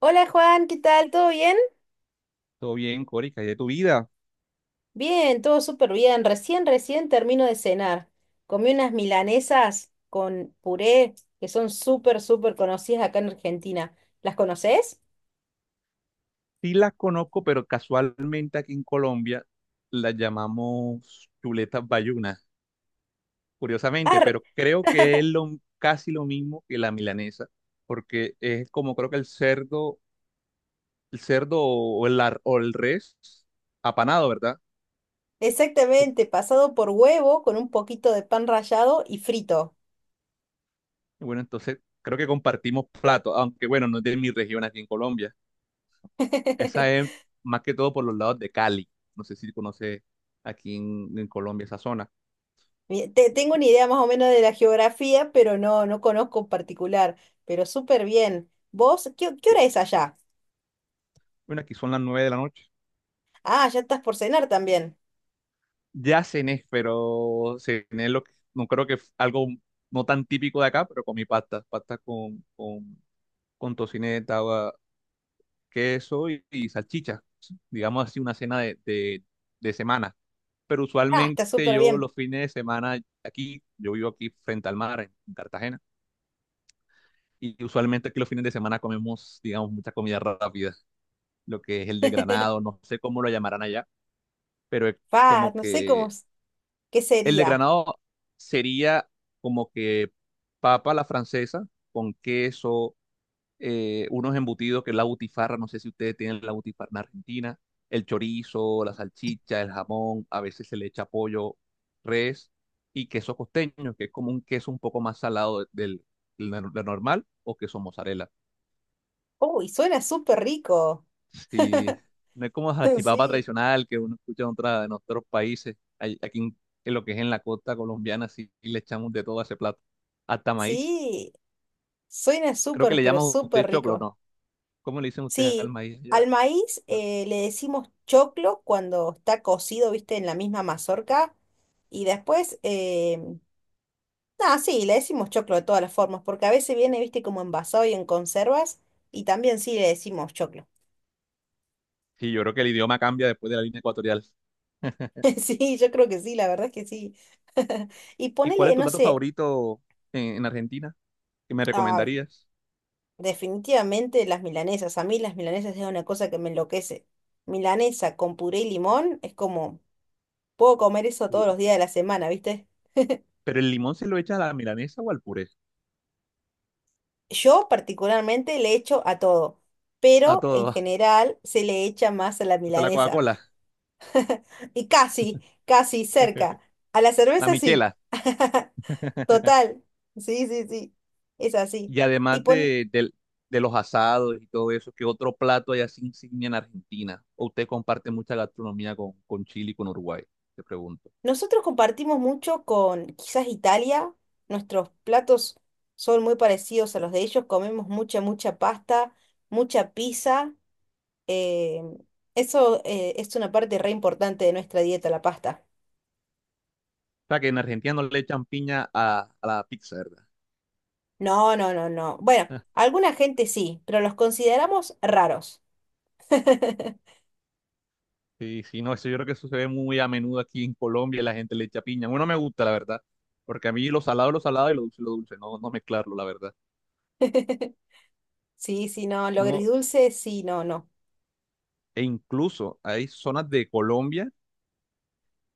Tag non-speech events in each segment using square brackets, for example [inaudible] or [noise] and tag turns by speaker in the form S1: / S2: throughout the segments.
S1: Hola Juan, ¿qué tal? ¿Todo bien?
S2: Todo bien, Cori, ¿qué hay de tu vida?
S1: Bien, todo súper bien. Recién termino de cenar. Comí unas milanesas con puré que son súper conocidas acá en Argentina. ¿Las conoces?
S2: Sí las conozco, pero casualmente aquí en Colombia las llamamos chuletas bayunas, curiosamente,
S1: Ah,
S2: pero creo que es casi lo mismo que la milanesa, porque es como creo que el cerdo, o el res apanado, ¿verdad? O-
S1: exactamente, pasado por huevo con un poquito de pan rallado y frito.
S2: Bueno, entonces creo que compartimos plato, aunque bueno, no es de mi región aquí en Colombia. Esa es
S1: [laughs]
S2: más que todo por los lados de Cali. No sé si conoce aquí en Colombia esa zona.
S1: Tengo una idea más o menos de la geografía, pero no, no conozco en particular, pero súper bien. ¿Vos? ¿Qué hora es allá?
S2: Bueno, aquí son las 9 de la noche.
S1: Ah, ya estás por cenar también.
S2: Ya cené, pero cené lo que, no creo que f- algo no tan típico de acá, pero comí pasta, pasta con tocineta, agua, queso y salchicha, digamos así, una cena de, de semana. Pero
S1: Ah, está
S2: usualmente
S1: súper
S2: yo
S1: bien.
S2: los fines de semana aquí, yo vivo aquí frente al mar, en Cartagena, y usualmente aquí los fines de semana comemos, digamos, mucha comida rápida, lo que es el de granado, no sé cómo lo llamarán allá, pero es
S1: Pa,
S2: como
S1: no sé cómo.
S2: que
S1: ¿Qué
S2: el
S1: sería?
S2: desgranado sería como que papa a la francesa con queso, unos embutidos que es la butifarra, no sé si ustedes tienen la butifarra en Argentina, el chorizo, la salchicha, el jamón, a veces se le echa pollo, res y queso costeño, que es como un queso un poco más salado del, del nor- del normal o queso mozzarella.
S1: Uy, suena súper rico.
S2: Sí, no es como
S1: [laughs]
S2: salchipapa
S1: Sí,
S2: tradicional que uno escucha en otros países. Aquí en lo que es en la costa colombiana, sí le echamos de todo a ese plato. Hasta maíz.
S1: sí, suena
S2: Creo que
S1: súper,
S2: le
S1: pero
S2: llaman a usted
S1: súper
S2: choclo,
S1: rico.
S2: ¿no? ¿Cómo le dicen ustedes al
S1: Sí,
S2: maíz
S1: al
S2: allá?
S1: maíz
S2: Yo-
S1: le decimos choclo cuando está cocido, viste, en la misma mazorca. Y después, nada, sí, le decimos choclo de todas las formas, porque a veces viene, viste, como envasado y en conservas. Y también sí le decimos choclo.
S2: Sí, yo creo que el idioma cambia después de la línea ecuatorial.
S1: [laughs] Sí, yo creo que sí, la verdad es que sí. [laughs] Y
S2: ¿Y cuál es
S1: ponele,
S2: tu
S1: no
S2: plato
S1: sé,
S2: favorito en Argentina? ¿Que me
S1: ah,
S2: recomendarías?
S1: definitivamente las milanesas. A mí las milanesas es una cosa que me enloquece. Milanesa con puré y limón es como, puedo comer eso todos
S2: Puro.
S1: los días de la semana, ¿viste?
S2: ¿Pero el limón se lo echa a la milanesa o al puré?
S1: Yo particularmente le echo a todo,
S2: A
S1: pero en
S2: todo,
S1: general se le echa más a la
S2: hasta la
S1: milanesa.
S2: Coca-Cola.
S1: Y casi cerca.
S2: [laughs]
S1: A la
S2: La
S1: cerveza sí.
S2: michela.
S1: [laughs]
S2: [laughs]
S1: Total. Sí, sí, sí. Es así.
S2: Y
S1: Y
S2: además
S1: pon-
S2: de los asados y todo eso, ¿qué otro plato hay así insignia en Argentina? ¿O usted comparte mucha gastronomía con Chile y con Uruguay? Te pregunto.
S1: Nosotros compartimos mucho con quizás Italia, nuestros platos son muy parecidos a los de ellos, comemos mucha pasta, mucha pizza, eh, eso es una parte re importante de nuestra dieta, la pasta.
S2: O sea, que en Argentina no le echan piña a la pizza, ¿verdad?
S1: No, no, no, no. Bueno,
S2: Ah,
S1: alguna gente sí, pero los consideramos raros. [laughs]
S2: sí, sí, no, eso yo creo que eso se ve muy a menudo aquí en Colombia, la gente le echa piña. Bueno, me gusta, la verdad, porque a mí lo salado es lo salado y lo dulce es lo dulce, no, no mezclarlo, la verdad.
S1: Sí, sí, no, lo
S2: No,
S1: agridulce, sí, no, no.
S2: e incluso hay zonas de Colombia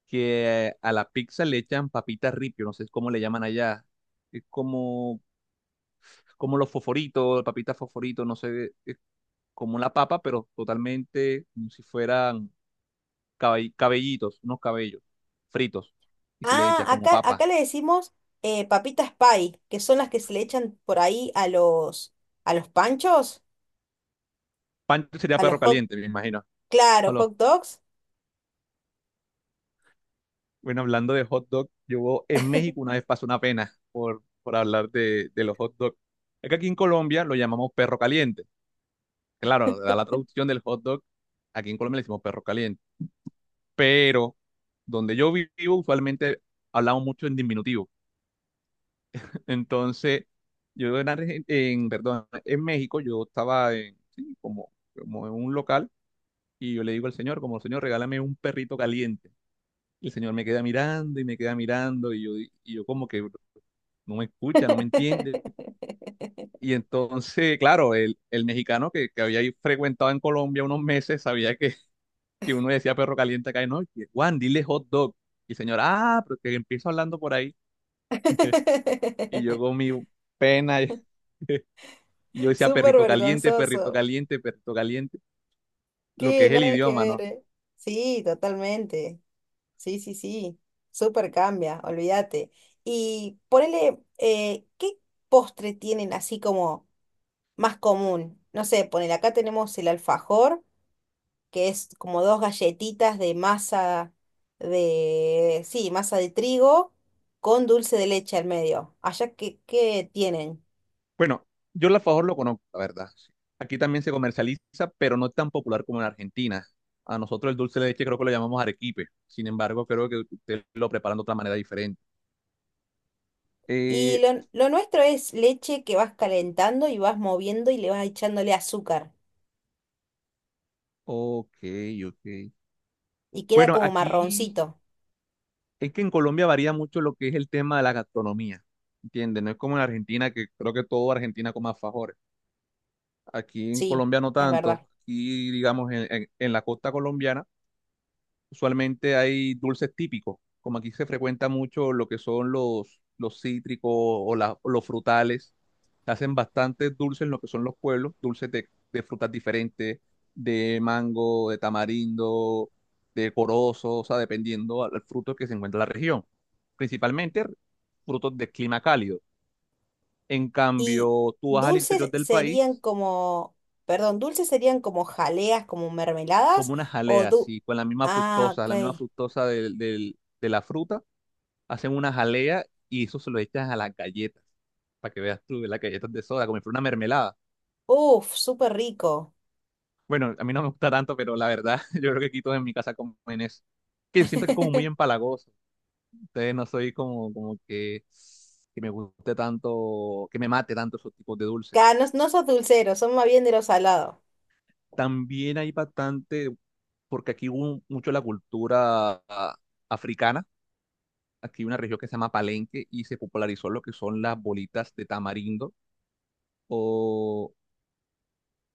S2: que a la pizza le echan papita ripio, no sé cómo le llaman allá. Es como los fosforitos, papitas fosforitos, no sé, es como una papa, pero totalmente como si fueran cabellitos, unos cabellos fritos, y se le
S1: Ah,
S2: echa como
S1: acá
S2: papa.
S1: le decimos papitas pie, que son las que se le echan por ahí a a los panchos.
S2: Pancho sería
S1: A los
S2: perro
S1: hot,
S2: caliente, me imagino.
S1: claro,
S2: Hola.
S1: hot dogs.
S2: Bueno, hablando de hot dog, yo en México una vez pasó una pena por hablar de los hot dogs. Es que aquí en Colombia lo llamamos perro caliente. Claro, da la traducción del hot dog, aquí en Colombia le decimos perro caliente. Pero donde yo vivo, usualmente hablamos mucho en diminutivo. Entonces, yo en México, yo estaba en, sí, como en un local y yo le digo al señor, como señor, regálame un perrito caliente. Y el señor me queda mirando y me queda mirando y yo como que no me escucha, no me entiende. Y entonces, claro, el mexicano que había ahí frecuentado en Colombia unos meses sabía que uno decía perro caliente acá y no, y que, Juan, dile hot dog. Y el señor, ah, pero que empiezo hablando por ahí. Y yo con mi
S1: [laughs]
S2: pena, y yo decía
S1: Súper
S2: perrito caliente, perrito
S1: vergonzoso.
S2: caliente, perrito caliente, lo que
S1: Que
S2: es el
S1: nada que
S2: idioma,
S1: ver,
S2: ¿no?
S1: ¿eh? Sí, totalmente. Sí, sí, sí. Súper cambia, olvídate. Y ponele, ¿qué postre tienen así como más común? No sé, ponele, acá tenemos el alfajor, que es como dos galletitas de masa de, sí, masa de trigo con dulce de leche al medio. Allá qué tienen.
S2: Bueno, yo el alfajor lo conozco, la verdad, sí. Aquí también se comercializa, pero no es tan popular como en Argentina. A nosotros el dulce de leche creo que lo llamamos arequipe. Sin embargo, creo que ustedes lo preparan de otra manera diferente.
S1: Y
S2: Eh,
S1: lo nuestro es leche que vas calentando y vas moviendo y le vas echándole azúcar.
S2: ok, ok.
S1: Y queda
S2: Bueno,
S1: como
S2: aquí
S1: marroncito.
S2: es que en Colombia varía mucho lo que es el tema de la gastronomía, ¿entiendes? No es como en Argentina, que creo que todo Argentina come alfajores. Aquí en
S1: Sí,
S2: Colombia no
S1: es
S2: tanto.
S1: verdad.
S2: Aquí, digamos, en la costa colombiana, usualmente hay dulces típicos. Como aquí se frecuenta mucho lo que son los cítricos o los frutales. Se hacen bastantes dulces en lo que son los pueblos, dulces de frutas diferentes, de mango, de tamarindo, de corozo, o sea, dependiendo al fruto que se encuentra en la región. Principalmente frutos de clima cálido. En
S1: Y
S2: cambio, tú vas al
S1: dulces
S2: interior del
S1: serían
S2: país
S1: como, perdón, dulces serían como jaleas, como mermeladas
S2: como una
S1: o
S2: jalea
S1: du...
S2: así, con
S1: ah,
S2: la misma
S1: ok.
S2: fructosa de la fruta, hacen una jalea y eso se lo echas a las galletas, para que veas tú, las galletas de soda, como si fuera una mermelada.
S1: Uf, súper rico.
S2: Bueno, a mí no me gusta tanto, pero la verdad, [laughs] yo creo que quito en mi casa como en eso. Que yo siento que es como muy
S1: [laughs]
S2: empalagoso, entonces no soy como que me guste tanto, que me mate tanto esos tipos de dulces.
S1: No, no sos dulcero, son más bien de lo salado.
S2: También hay bastante, porque aquí hubo mucho la cultura africana. Aquí hay una región que se llama Palenque y se popularizó lo que son las bolitas de tamarindo o,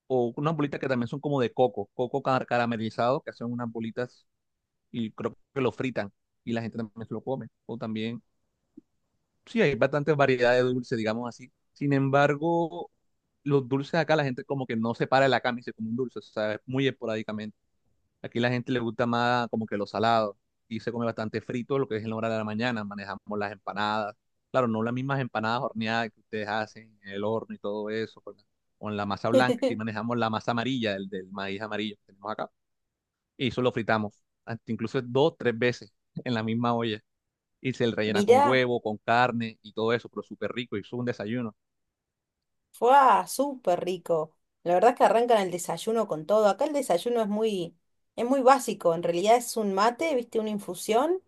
S2: o unas bolitas que también son como de coco, caramelizado, que hacen unas bolitas y creo que lo fritan y la gente también se lo come. O también, sí, hay bastantes variedades de dulce, digamos así. Sin embargo, los dulces acá la gente como que no separa la cama y se come un dulce, o sea, es muy esporádicamente. Aquí la gente le gusta más como que lo salado y se come bastante frito, lo que es en la hora de la mañana. Manejamos las empanadas. Claro, no las mismas empanadas horneadas que ustedes hacen en el horno y todo eso, con la masa blanca. Aquí
S1: [laughs]
S2: manejamos la masa amarilla, el del maíz amarillo que tenemos acá. Y eso lo fritamos, hasta incluso dos, tres veces [laughs] en la misma olla. Y se le rellena con
S1: Mirá,
S2: huevo, con carne y todo eso, pero súper rico. Y eso es un desayuno.
S1: fue súper rico. La verdad es que arrancan el desayuno con todo. Acá el desayuno es muy básico. En realidad es un mate, viste, una infusión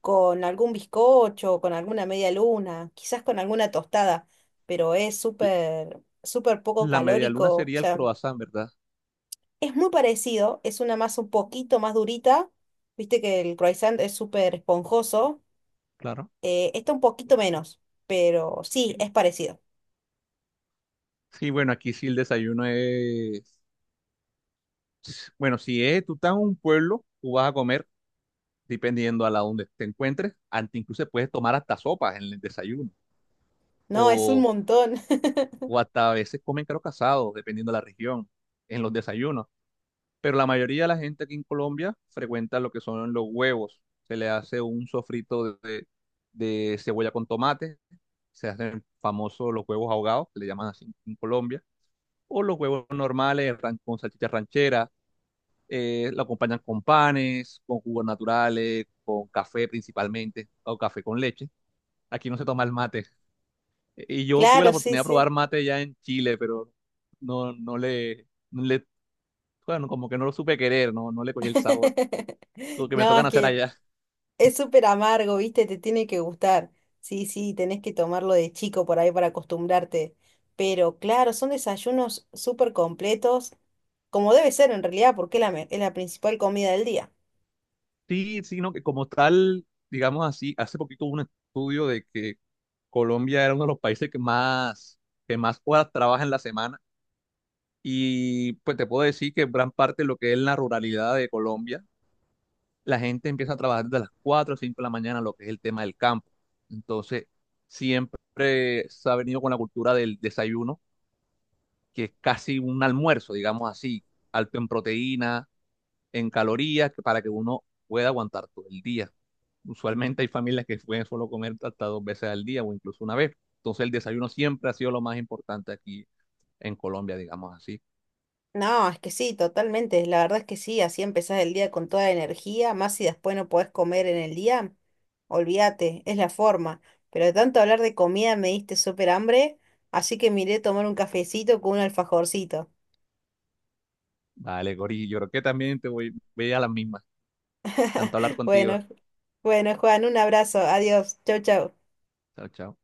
S1: con algún bizcocho, con alguna media luna, quizás con alguna tostada, pero es
S2: L-
S1: súper poco
S2: La media
S1: calórico.
S2: luna
S1: O
S2: sería el
S1: sea,
S2: croissant, ¿verdad?
S1: es muy parecido, es una masa un poquito más durita. Viste que el croissant es súper esponjoso.
S2: Claro.
S1: Está un poquito menos, pero sí, es parecido.
S2: Sí, bueno, aquí sí el desayuno es. Bueno, si es, tú estás en un pueblo, tú vas a comer, dependiendo a la donde te encuentres, ante incluso puedes tomar hasta sopas en el desayuno,
S1: No, es un
S2: o,
S1: montón. [laughs]
S2: o hasta a veces comen caro casado, dependiendo de la región, en los desayunos. Pero la mayoría de la gente aquí en Colombia frecuenta lo que son los huevos. Se le hace un sofrito de cebolla con tomate, se hacen famosos los huevos ahogados, que le llaman así en Colombia, o los huevos normales con salchicha ranchera. Lo acompañan con panes, con jugos naturales, con café principalmente, o café con leche. Aquí no se toma el mate. Y yo tuve la
S1: Claro, sí,
S2: oportunidad de
S1: sí.
S2: probar mate ya en Chile, pero no, bueno, como que no lo supe querer, no, no le cogí el sabor.
S1: [laughs]
S2: Lo que me
S1: No,
S2: tocan
S1: es
S2: hacer
S1: que
S2: allá.
S1: es súper amargo, ¿viste? Te tiene que gustar. Sí, sí, tenés que tomarlo de chico por ahí para acostumbrarte. Pero claro, son desayunos súper completos, como debe ser en realidad, porque es es la principal comida del día.
S2: Sí, sí, no, que como tal, digamos así, hace poquito hubo un estudio de que Colombia era uno de los países que más horas trabaja en la semana. Y pues te puedo decir que gran parte de lo que es la ruralidad de Colombia la gente empieza a trabajar desde las 4 o 5 de la mañana, lo que es el tema del campo. Entonces, siempre se ha venido con la cultura del desayuno, que es casi un almuerzo, digamos así, alto en proteína, en calorías, para que uno pueda aguantar todo el día. Usualmente hay familias que pueden solo comer hasta dos veces al día o incluso una vez. Entonces, el desayuno siempre ha sido lo más importante aquí en Colombia, digamos así.
S1: No, es que sí, totalmente. La verdad es que sí, así empezás el día con toda la energía, más si después no podés comer en el día, olvídate, es la forma. Pero de tanto hablar de comida me diste súper hambre, así que miré tomar un cafecito con un alfajorcito.
S2: Vale, Gori, yo creo que también voy a las mismas. Encantado de hablar
S1: [laughs]
S2: contigo.
S1: Bueno, bueno, Juan, un abrazo, adiós, chau, chau.
S2: Chao, chao.